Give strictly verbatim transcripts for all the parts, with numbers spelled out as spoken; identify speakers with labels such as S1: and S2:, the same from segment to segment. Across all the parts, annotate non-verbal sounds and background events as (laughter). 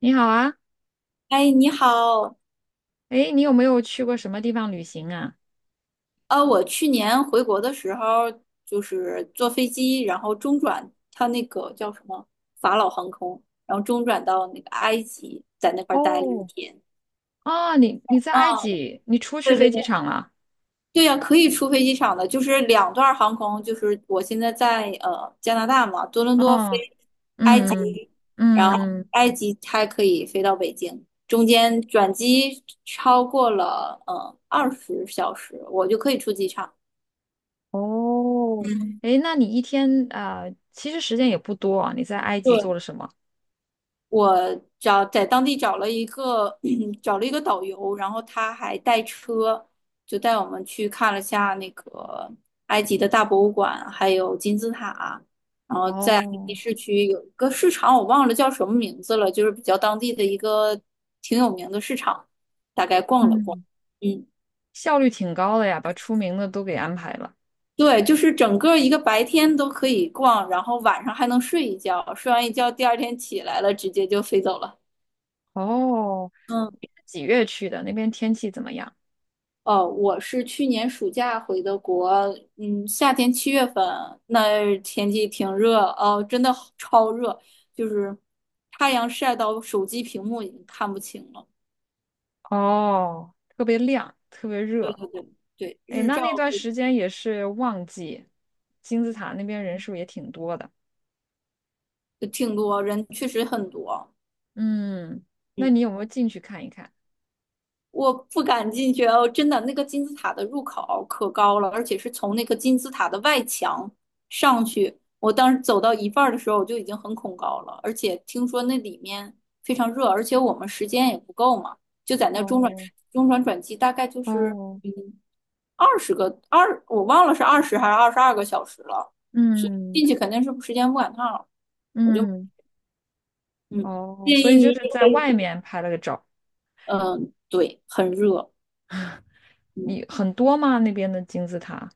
S1: 你好啊。
S2: 哎，你好。
S1: 诶，你有没有去过什么地方旅行啊？
S2: 呃，我去年回国的时候，就是坐飞机，然后中转，它那个叫什么法老航空，然后中转到那个埃及，在那块儿待了一
S1: 哦。
S2: 天。
S1: 啊，你你在埃
S2: 啊，
S1: 及，你出去
S2: 对对
S1: 飞机
S2: 对，
S1: 场了？
S2: 对呀，可以出飞机场的，就是两段航空。就是我现在在呃加拿大嘛，多伦多
S1: 哦。
S2: 飞，
S1: 嗯
S2: 然后
S1: 嗯。
S2: 埃及还可以飞到北京，中间转机超过了呃二十小时，我就可以出机场。
S1: 哦。
S2: 嗯。
S1: 诶，那你一天啊，呃其实时间也不多啊，你在埃及做了
S2: 对。
S1: 什么？
S2: 我找在当地找了一个 (clears throat) 找了一个导游，然后他还带车，就带我们去看了下那个埃及的大博物馆，还有金字塔。然后在埃及
S1: 哦。
S2: 市区有一个市场，我忘了叫什么名字了，就是比较当地的一个挺有名的市场，大概逛了逛。
S1: 嗯。
S2: 嗯。
S1: 效率挺高的呀，把出名的都给安排了。
S2: 对，就是整个一个白天都可以逛，然后晚上还能睡一觉，睡完一觉第二天起来了，直接就飞走了。
S1: 哦，
S2: 嗯。
S1: 你是几月去的？那边天气怎么样？
S2: 哦，我是去年暑假回的国，嗯，夏天七月份，那天气挺热。哦，真的好超热，就是太阳晒到手机屏幕已经看不清了。
S1: 哦，特别亮，特别热。
S2: 对，
S1: 哎，
S2: 日
S1: 那
S2: 照
S1: 那段时间也是旺季，金字塔那边人数也挺多的。
S2: 挺多，人确实很多。
S1: 嗯，那
S2: 嗯。
S1: 你有没有进去看一看？
S2: 我不敢进去哦，真的。那个金字塔的入口可高了，而且是从那个金字塔的外墙上去。我当时走到一半儿的时候，我就已经很恐高了，而且听说那里面非常热，而且我们时间也不够嘛。就在那中转
S1: 哦
S2: 中转转机，大概就是
S1: 哦
S2: 嗯二十个二，我忘了是二十还是二十二个小时了，所以
S1: 嗯
S2: 进去肯定是时间不赶趟了。我就
S1: 嗯。
S2: 嗯
S1: 哦，
S2: 建
S1: 所
S2: 议
S1: 以
S2: 你
S1: 就
S2: 也
S1: 是
S2: 可
S1: 在外
S2: 以。
S1: 面拍了个照。
S2: 嗯，对，很热。嗯。
S1: 你很多吗？那边的金字塔？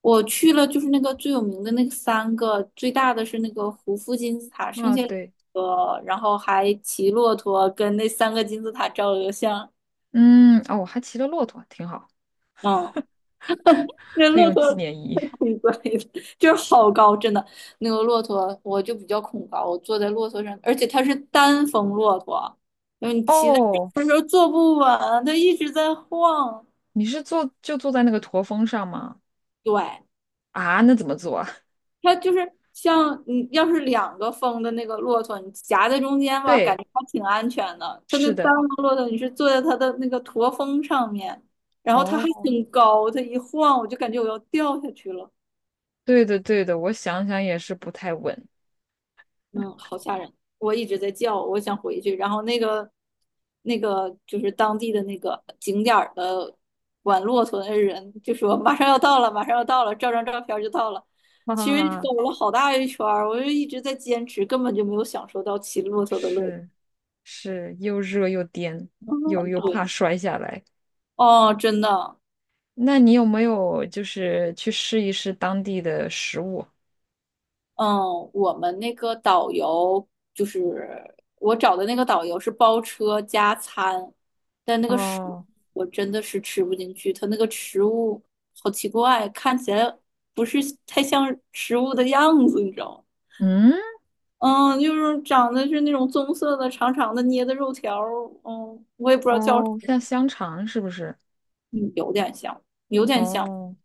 S2: 我去了，就是那个最有名的那个三个，最大的是那个胡夫金字塔，剩
S1: 啊，
S2: 下两
S1: 对。
S2: 个，然后还骑骆驼跟那三个金字塔照了个相。
S1: 嗯。哦，我还骑了骆驼，挺好，
S2: 嗯，那
S1: 很
S2: 骆
S1: 有
S2: 驼
S1: 纪
S2: (laughs)
S1: 念意
S2: 太
S1: 义。
S2: 挺贵的，就是好高，真的。那个骆驼我就比较恐高，我坐在骆驼上，而且它是单峰骆驼，因为你骑在上面
S1: 哦，
S2: 的时候坐不稳，它一直在晃。
S1: 你是坐就坐在那个驼峰上吗？
S2: 对，
S1: 啊，那怎么坐啊？
S2: 它就是像你要是两个风的那个骆驼，你夹在中间吧，感
S1: 对，
S2: 觉还挺安全的。它那
S1: 是
S2: 单
S1: 的。
S2: 个骆驼，你是坐在它的那个驼峰上面，然后它还
S1: 哦，
S2: 挺高，它一晃我就感觉我要掉下去了。
S1: 对的对的，我想想也是不太稳。
S2: 嗯，好吓人！我一直在叫，我想回去。然后那个那个就是当地的那个景点儿的管骆驼的人就说马上要到了，马上要到了，照张照片儿就到了。其实
S1: 啊，
S2: 走了好大一圈儿，我就一直在坚持，根本就没有享受到骑骆驼的乐趣。
S1: 是是，又热又颠，
S2: 嗯，
S1: 又又怕
S2: 对。
S1: 摔下来。
S2: 哦，真的。
S1: 那你有没有就是去试一试当地的食物？
S2: 嗯，我们那个导游就是我找的那个导游是包车加餐，但那个食物
S1: 哦。
S2: 我真的是吃不进去。他那个食物好奇怪，看起来不是太像食物的样子，你知道吗？
S1: 嗯。
S2: 嗯，就是长得是那种棕色的、长长的捏的肉条儿。嗯，我也不知道叫什
S1: 哦，
S2: 么。
S1: 像香肠是不是？
S2: 嗯，有点像，有点像。
S1: 哦，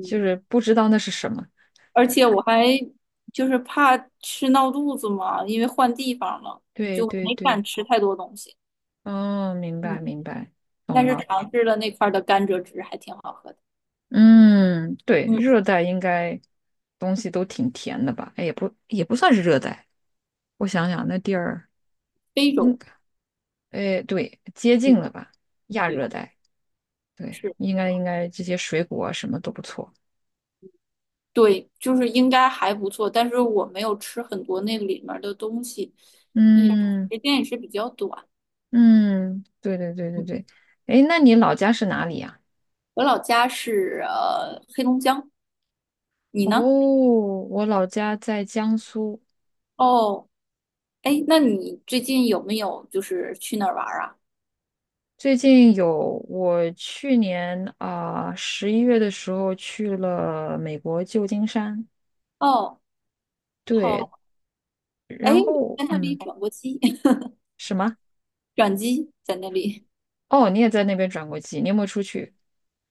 S1: 就是不知道那是什么。
S2: 而且我还就是怕吃闹肚子嘛，因为换地方了，
S1: 对
S2: 就
S1: 对
S2: 没敢
S1: 对。
S2: 吃太多东西。
S1: 哦，明白
S2: 嗯，
S1: 明白，
S2: 但
S1: 懂
S2: 是
S1: 了。
S2: 尝试了那块儿的甘蔗汁，还挺好喝的。
S1: 嗯，对，
S2: 嗯，
S1: 热带应该东西都挺甜的吧？哎，也不也不算是热带，我想想，那地儿
S2: 非洲，
S1: 应哎，对，接
S2: 嗯，
S1: 近了吧，亚
S2: 对，
S1: 热带，对，
S2: 是，
S1: 应该应该这些水果啊什么都不错。
S2: 对，就是应该还不错，但是我没有吃很多那里面儿的东西。嗯，
S1: 嗯
S2: 时间也是比较短。
S1: 嗯。对对对对
S2: 嗯。
S1: 对。哎，那你老家是哪里呀？
S2: 我老家是呃黑龙江，你
S1: 哦，
S2: 呢？
S1: 我老家在江苏。
S2: 哦。哎，那你最近有没有就是去哪儿玩儿啊？
S1: 最近有，我去年啊十一月的时候去了美国旧金山。
S2: 哦。
S1: 对。
S2: 好。哎，
S1: 然
S2: 我
S1: 后，
S2: 在那里
S1: 嗯，
S2: 转过机，(laughs)
S1: 什么？
S2: 转机在那里。
S1: 哦，你也在那边转过机，你有没有出去？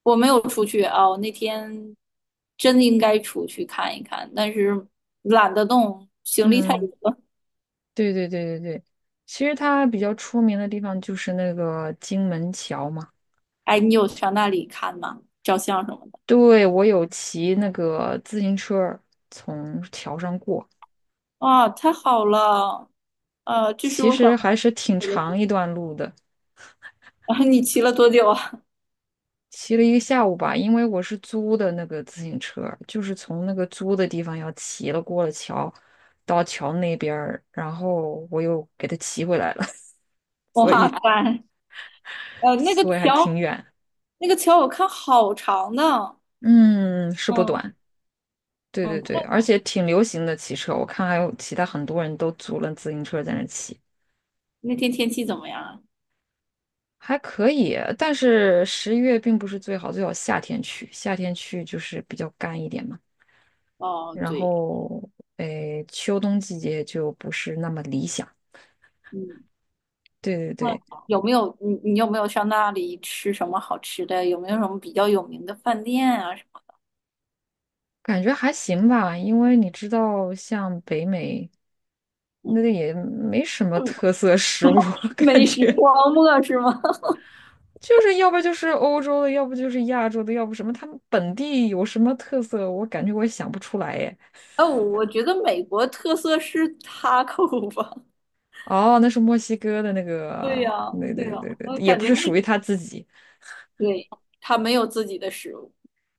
S2: 我没有出去啊，我那天真应该出去看一看，但是懒得动，行李太
S1: 嗯。
S2: 多。了。
S1: 对对对对对，其实它比较出名的地方就是那个金门桥嘛。
S2: 哎，你有上那里看吗？照相什么的？
S1: 对，我有骑那个自行车儿从桥上过，
S2: 哇，太好了！呃，这是
S1: 其
S2: 我想
S1: 实还是挺
S2: 我
S1: 长
S2: 的。
S1: 一段路的，
S2: (laughs) 啊，你骑了多久啊？
S1: 骑了一个下午吧。因为我是租的那个自行车儿就是从那个租的地方要骑了过了桥，到桥那边儿，然后我又给它骑回来了，(laughs) 所
S2: 哇
S1: 以
S2: 塞。呃，那个
S1: 所以还
S2: 桥，
S1: 挺远。
S2: 那个桥我看好长呢。
S1: 嗯，是不
S2: 嗯。
S1: 短。对
S2: 嗯，
S1: 对对，而且挺流行的骑车，我看还有其他很多人都租了自行车在那骑，
S2: 那天天气怎么样啊？
S1: 还可以。但是十一月并不是最好，最好夏天去，夏天去就是比较干一点嘛。
S2: 哦，
S1: 然
S2: 对。
S1: 后，诶，秋冬季节就不是那么理想。
S2: 嗯。
S1: 对对对。
S2: 有没有你你有没有上那里吃什么好吃的？有没有什么比较有名的饭店啊？什么
S1: 感觉还行吧，因为你知道，像北美，那个也没什么特色食物，(laughs)
S2: (laughs)
S1: 感
S2: 美食
S1: 觉。
S2: 荒漠是吗？(laughs)
S1: 就是要不就是欧洲的，要不就是亚洲的，要不什么，他们本地有什么特色，我感觉我也想不出来耶。
S2: 哎，我我觉得美国特色是他 a 吧。
S1: 哦，那是墨西哥的那
S2: (laughs) 对
S1: 个，
S2: 呀，
S1: 对
S2: 对
S1: 对
S2: 呀，
S1: 对
S2: 我
S1: 对，也
S2: 感
S1: 不
S2: 觉
S1: 是
S2: 那
S1: 属于他自己，
S2: 对他没有自己的食物。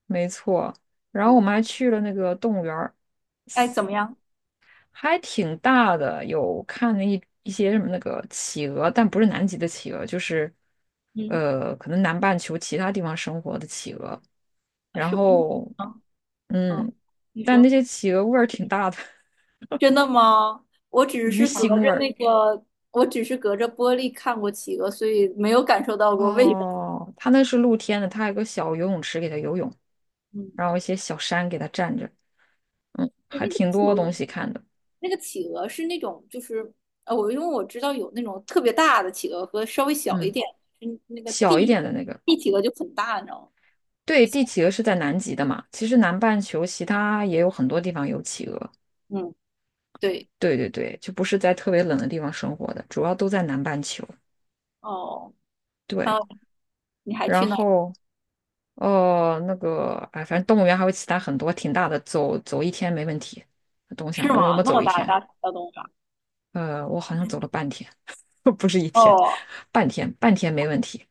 S1: 没错。然后
S2: 嗯。
S1: 我们还去了那个动物园儿，
S2: 哎，怎么样？
S1: 还挺大的，有看了一一些什么那个企鹅，但不是南极的企鹅，就是
S2: 嗯，
S1: 呃，可能南半球其他地方生活的企鹅。
S2: 啊
S1: 然
S2: 什么意思
S1: 后，
S2: 啊？嗯，
S1: 嗯，
S2: 你
S1: 但那
S2: 说。
S1: 些企鹅味儿挺大的，
S2: 真的吗？我
S1: (laughs)
S2: 只
S1: 鱼
S2: 是隔
S1: 腥
S2: 着
S1: 味儿。
S2: 那个，我只是隔着玻璃看过企鹅，所以没有感受到过味道。
S1: 哦，它那是露天的，它还有个小游泳池给它游泳，
S2: 嗯，
S1: 然后一些小山给它站着，嗯，
S2: 那
S1: 还
S2: 个
S1: 挺
S2: 企
S1: 多
S2: 鹅。
S1: 东西看的。
S2: 那个企鹅是那种就是呃，我因为我知道有那种特别大的企鹅和稍微小一
S1: 嗯，
S2: 点。嗯，那个
S1: 小一
S2: 地
S1: 点的那个。
S2: 地企鹅就很大，你知道吗？
S1: 对，帝企鹅是在南极的嘛，其实南半球其他也有很多地方有企鹅。
S2: 嗯，对。
S1: 对对对，就不是在特别冷的地方生活的，主要都在南半球。
S2: 哦，还
S1: 对，
S2: 有你还
S1: 然
S2: 去那儿
S1: 后呃，那个哎，反正动物园还有其他很多挺大的，走走一天没问题。我东
S2: 是
S1: 想我有没
S2: 吗？
S1: 有
S2: 那
S1: 走
S2: 么
S1: 一
S2: 大
S1: 天？
S2: 大大动物园。
S1: 呃，我好像走了半天。(laughs) 不是一天，
S2: 哦，
S1: 半天，半天没问题。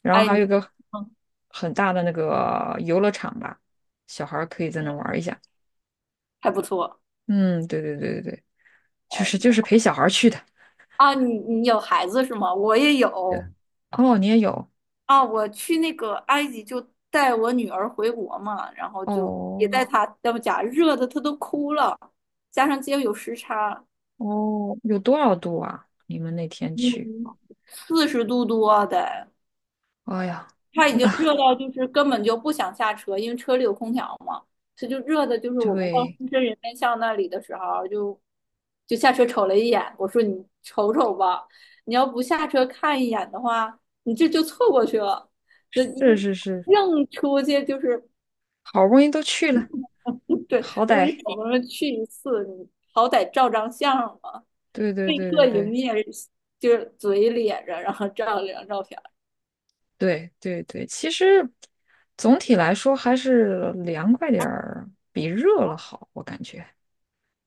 S1: 然后
S2: 哎你，
S1: 还有一个
S2: 嗯
S1: 很大的那个游乐场吧，小孩儿可以在那玩
S2: 嗯，
S1: 儿一下。
S2: 还不错。
S1: 嗯，对对对对对，就
S2: 哎
S1: 是
S2: 你
S1: 就是陪小孩儿去的。
S2: 啊，你你有孩子是吗？我也有
S1: 对。哦，你也有。
S2: 啊。我去那个埃及就带我女儿回国嘛，然后就也
S1: 哦
S2: 带她，要不假热的她都哭了，加上今天有时差。
S1: 哦，有多少度啊？你们那天
S2: 嗯，
S1: 去？
S2: 四十度多啊得。
S1: 哎呀。
S2: 他已经热
S1: (laughs)
S2: 到就是根本就不想下车，因为车里有空调嘛。他就热的，就是我们到
S1: 对，
S2: 深圳人民巷那里的时候就，就下车瞅了一眼。我说你瞅瞅吧，你要不下车看一眼的话，你这就错过去了，那
S1: 是
S2: 一
S1: 是是，
S2: 硬出去就是。
S1: 好不容易都去了，
S2: 对，
S1: 好
S2: 我说你
S1: 歹，
S2: 怎么去一次，你好歹照张相嘛。
S1: 对对
S2: 被
S1: 对
S2: 迫
S1: 对
S2: 营
S1: 对。
S2: 业就是嘴咧着，然后照了两张照片。
S1: 对对对，其实总体来说还是凉快点儿比热了好，我感觉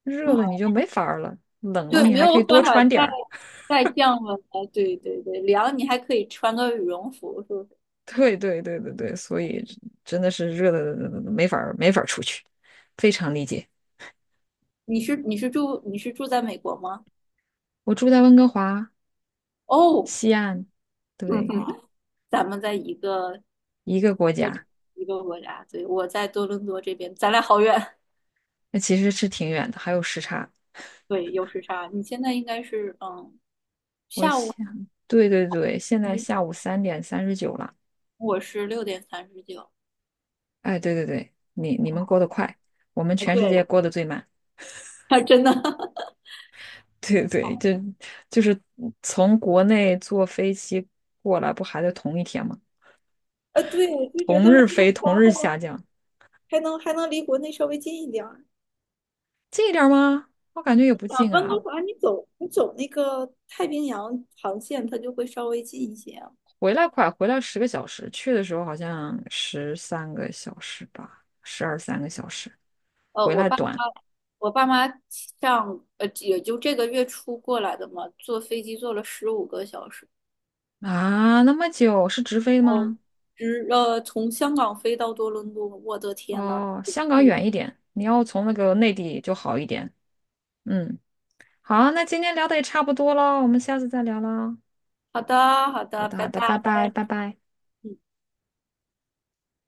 S1: 热了你就没法儿了，冷了
S2: 对，
S1: 你
S2: 没
S1: 还可以
S2: 有办
S1: 多
S2: 法
S1: 穿
S2: 再
S1: 点儿。(laughs)
S2: 再降温了。哎对对对，凉你还可以穿个羽绒服，是不是？
S1: 对对对对对，所以真的是热的没法儿没法儿出去，非常理解。
S2: 你是你是住你是住在美国吗？
S1: 我住在温哥华
S2: 哦。
S1: 西岸。
S2: 嗯
S1: 对，
S2: 哼。(laughs) 咱们在一个
S1: 一个国家。
S2: 一个国家。对，我在多伦多这边，咱俩好远。
S1: 那其实是挺远的，还有时差。
S2: (laughs) 对，有时差。你现在应该是。嗯，
S1: 我想，对对对，现在下
S2: 你
S1: 午三点三十九了。
S2: 我是六点三十九。
S1: 哎，对对对，你你们过得快，我们
S2: 啊，
S1: 全世
S2: 对。
S1: 界过得最慢。
S2: (laughs) 还真的。 (laughs)
S1: (laughs) 对对，就就是从国内坐飞机过来，不还得同一天吗？
S2: 啊，对，我就觉
S1: 同
S2: 得温
S1: 日
S2: 哥
S1: 飞，同
S2: 华还
S1: 日
S2: 能
S1: 下降，
S2: 还能还能离国内稍微近一点。
S1: 近一点儿吗？我感觉也不
S2: 啊，
S1: 近
S2: 温哥
S1: 啊。
S2: 华你走你走那个太平洋航线，它就会稍微近一些。
S1: 回来快，回来十个小时，去的时候好像十三个小时吧，十二三个小时，
S2: 呃，
S1: 回
S2: 我
S1: 来
S2: 爸
S1: 短
S2: 妈我爸妈上呃也就这个月初过来的嘛，坐飞机坐了十五个小时。
S1: 啊，那么久是直飞
S2: 哦，
S1: 吗？
S2: 直呃从香港飞到多伦多，我的天呐。
S1: 哦，香港远一点，你要从那个内地就好一点。嗯，好，那今天聊的也差不多了，我们下次再聊啦。
S2: 好的，好
S1: 好
S2: 的，
S1: 的，
S2: 拜
S1: 好的，
S2: 拜。
S1: 拜拜，拜拜。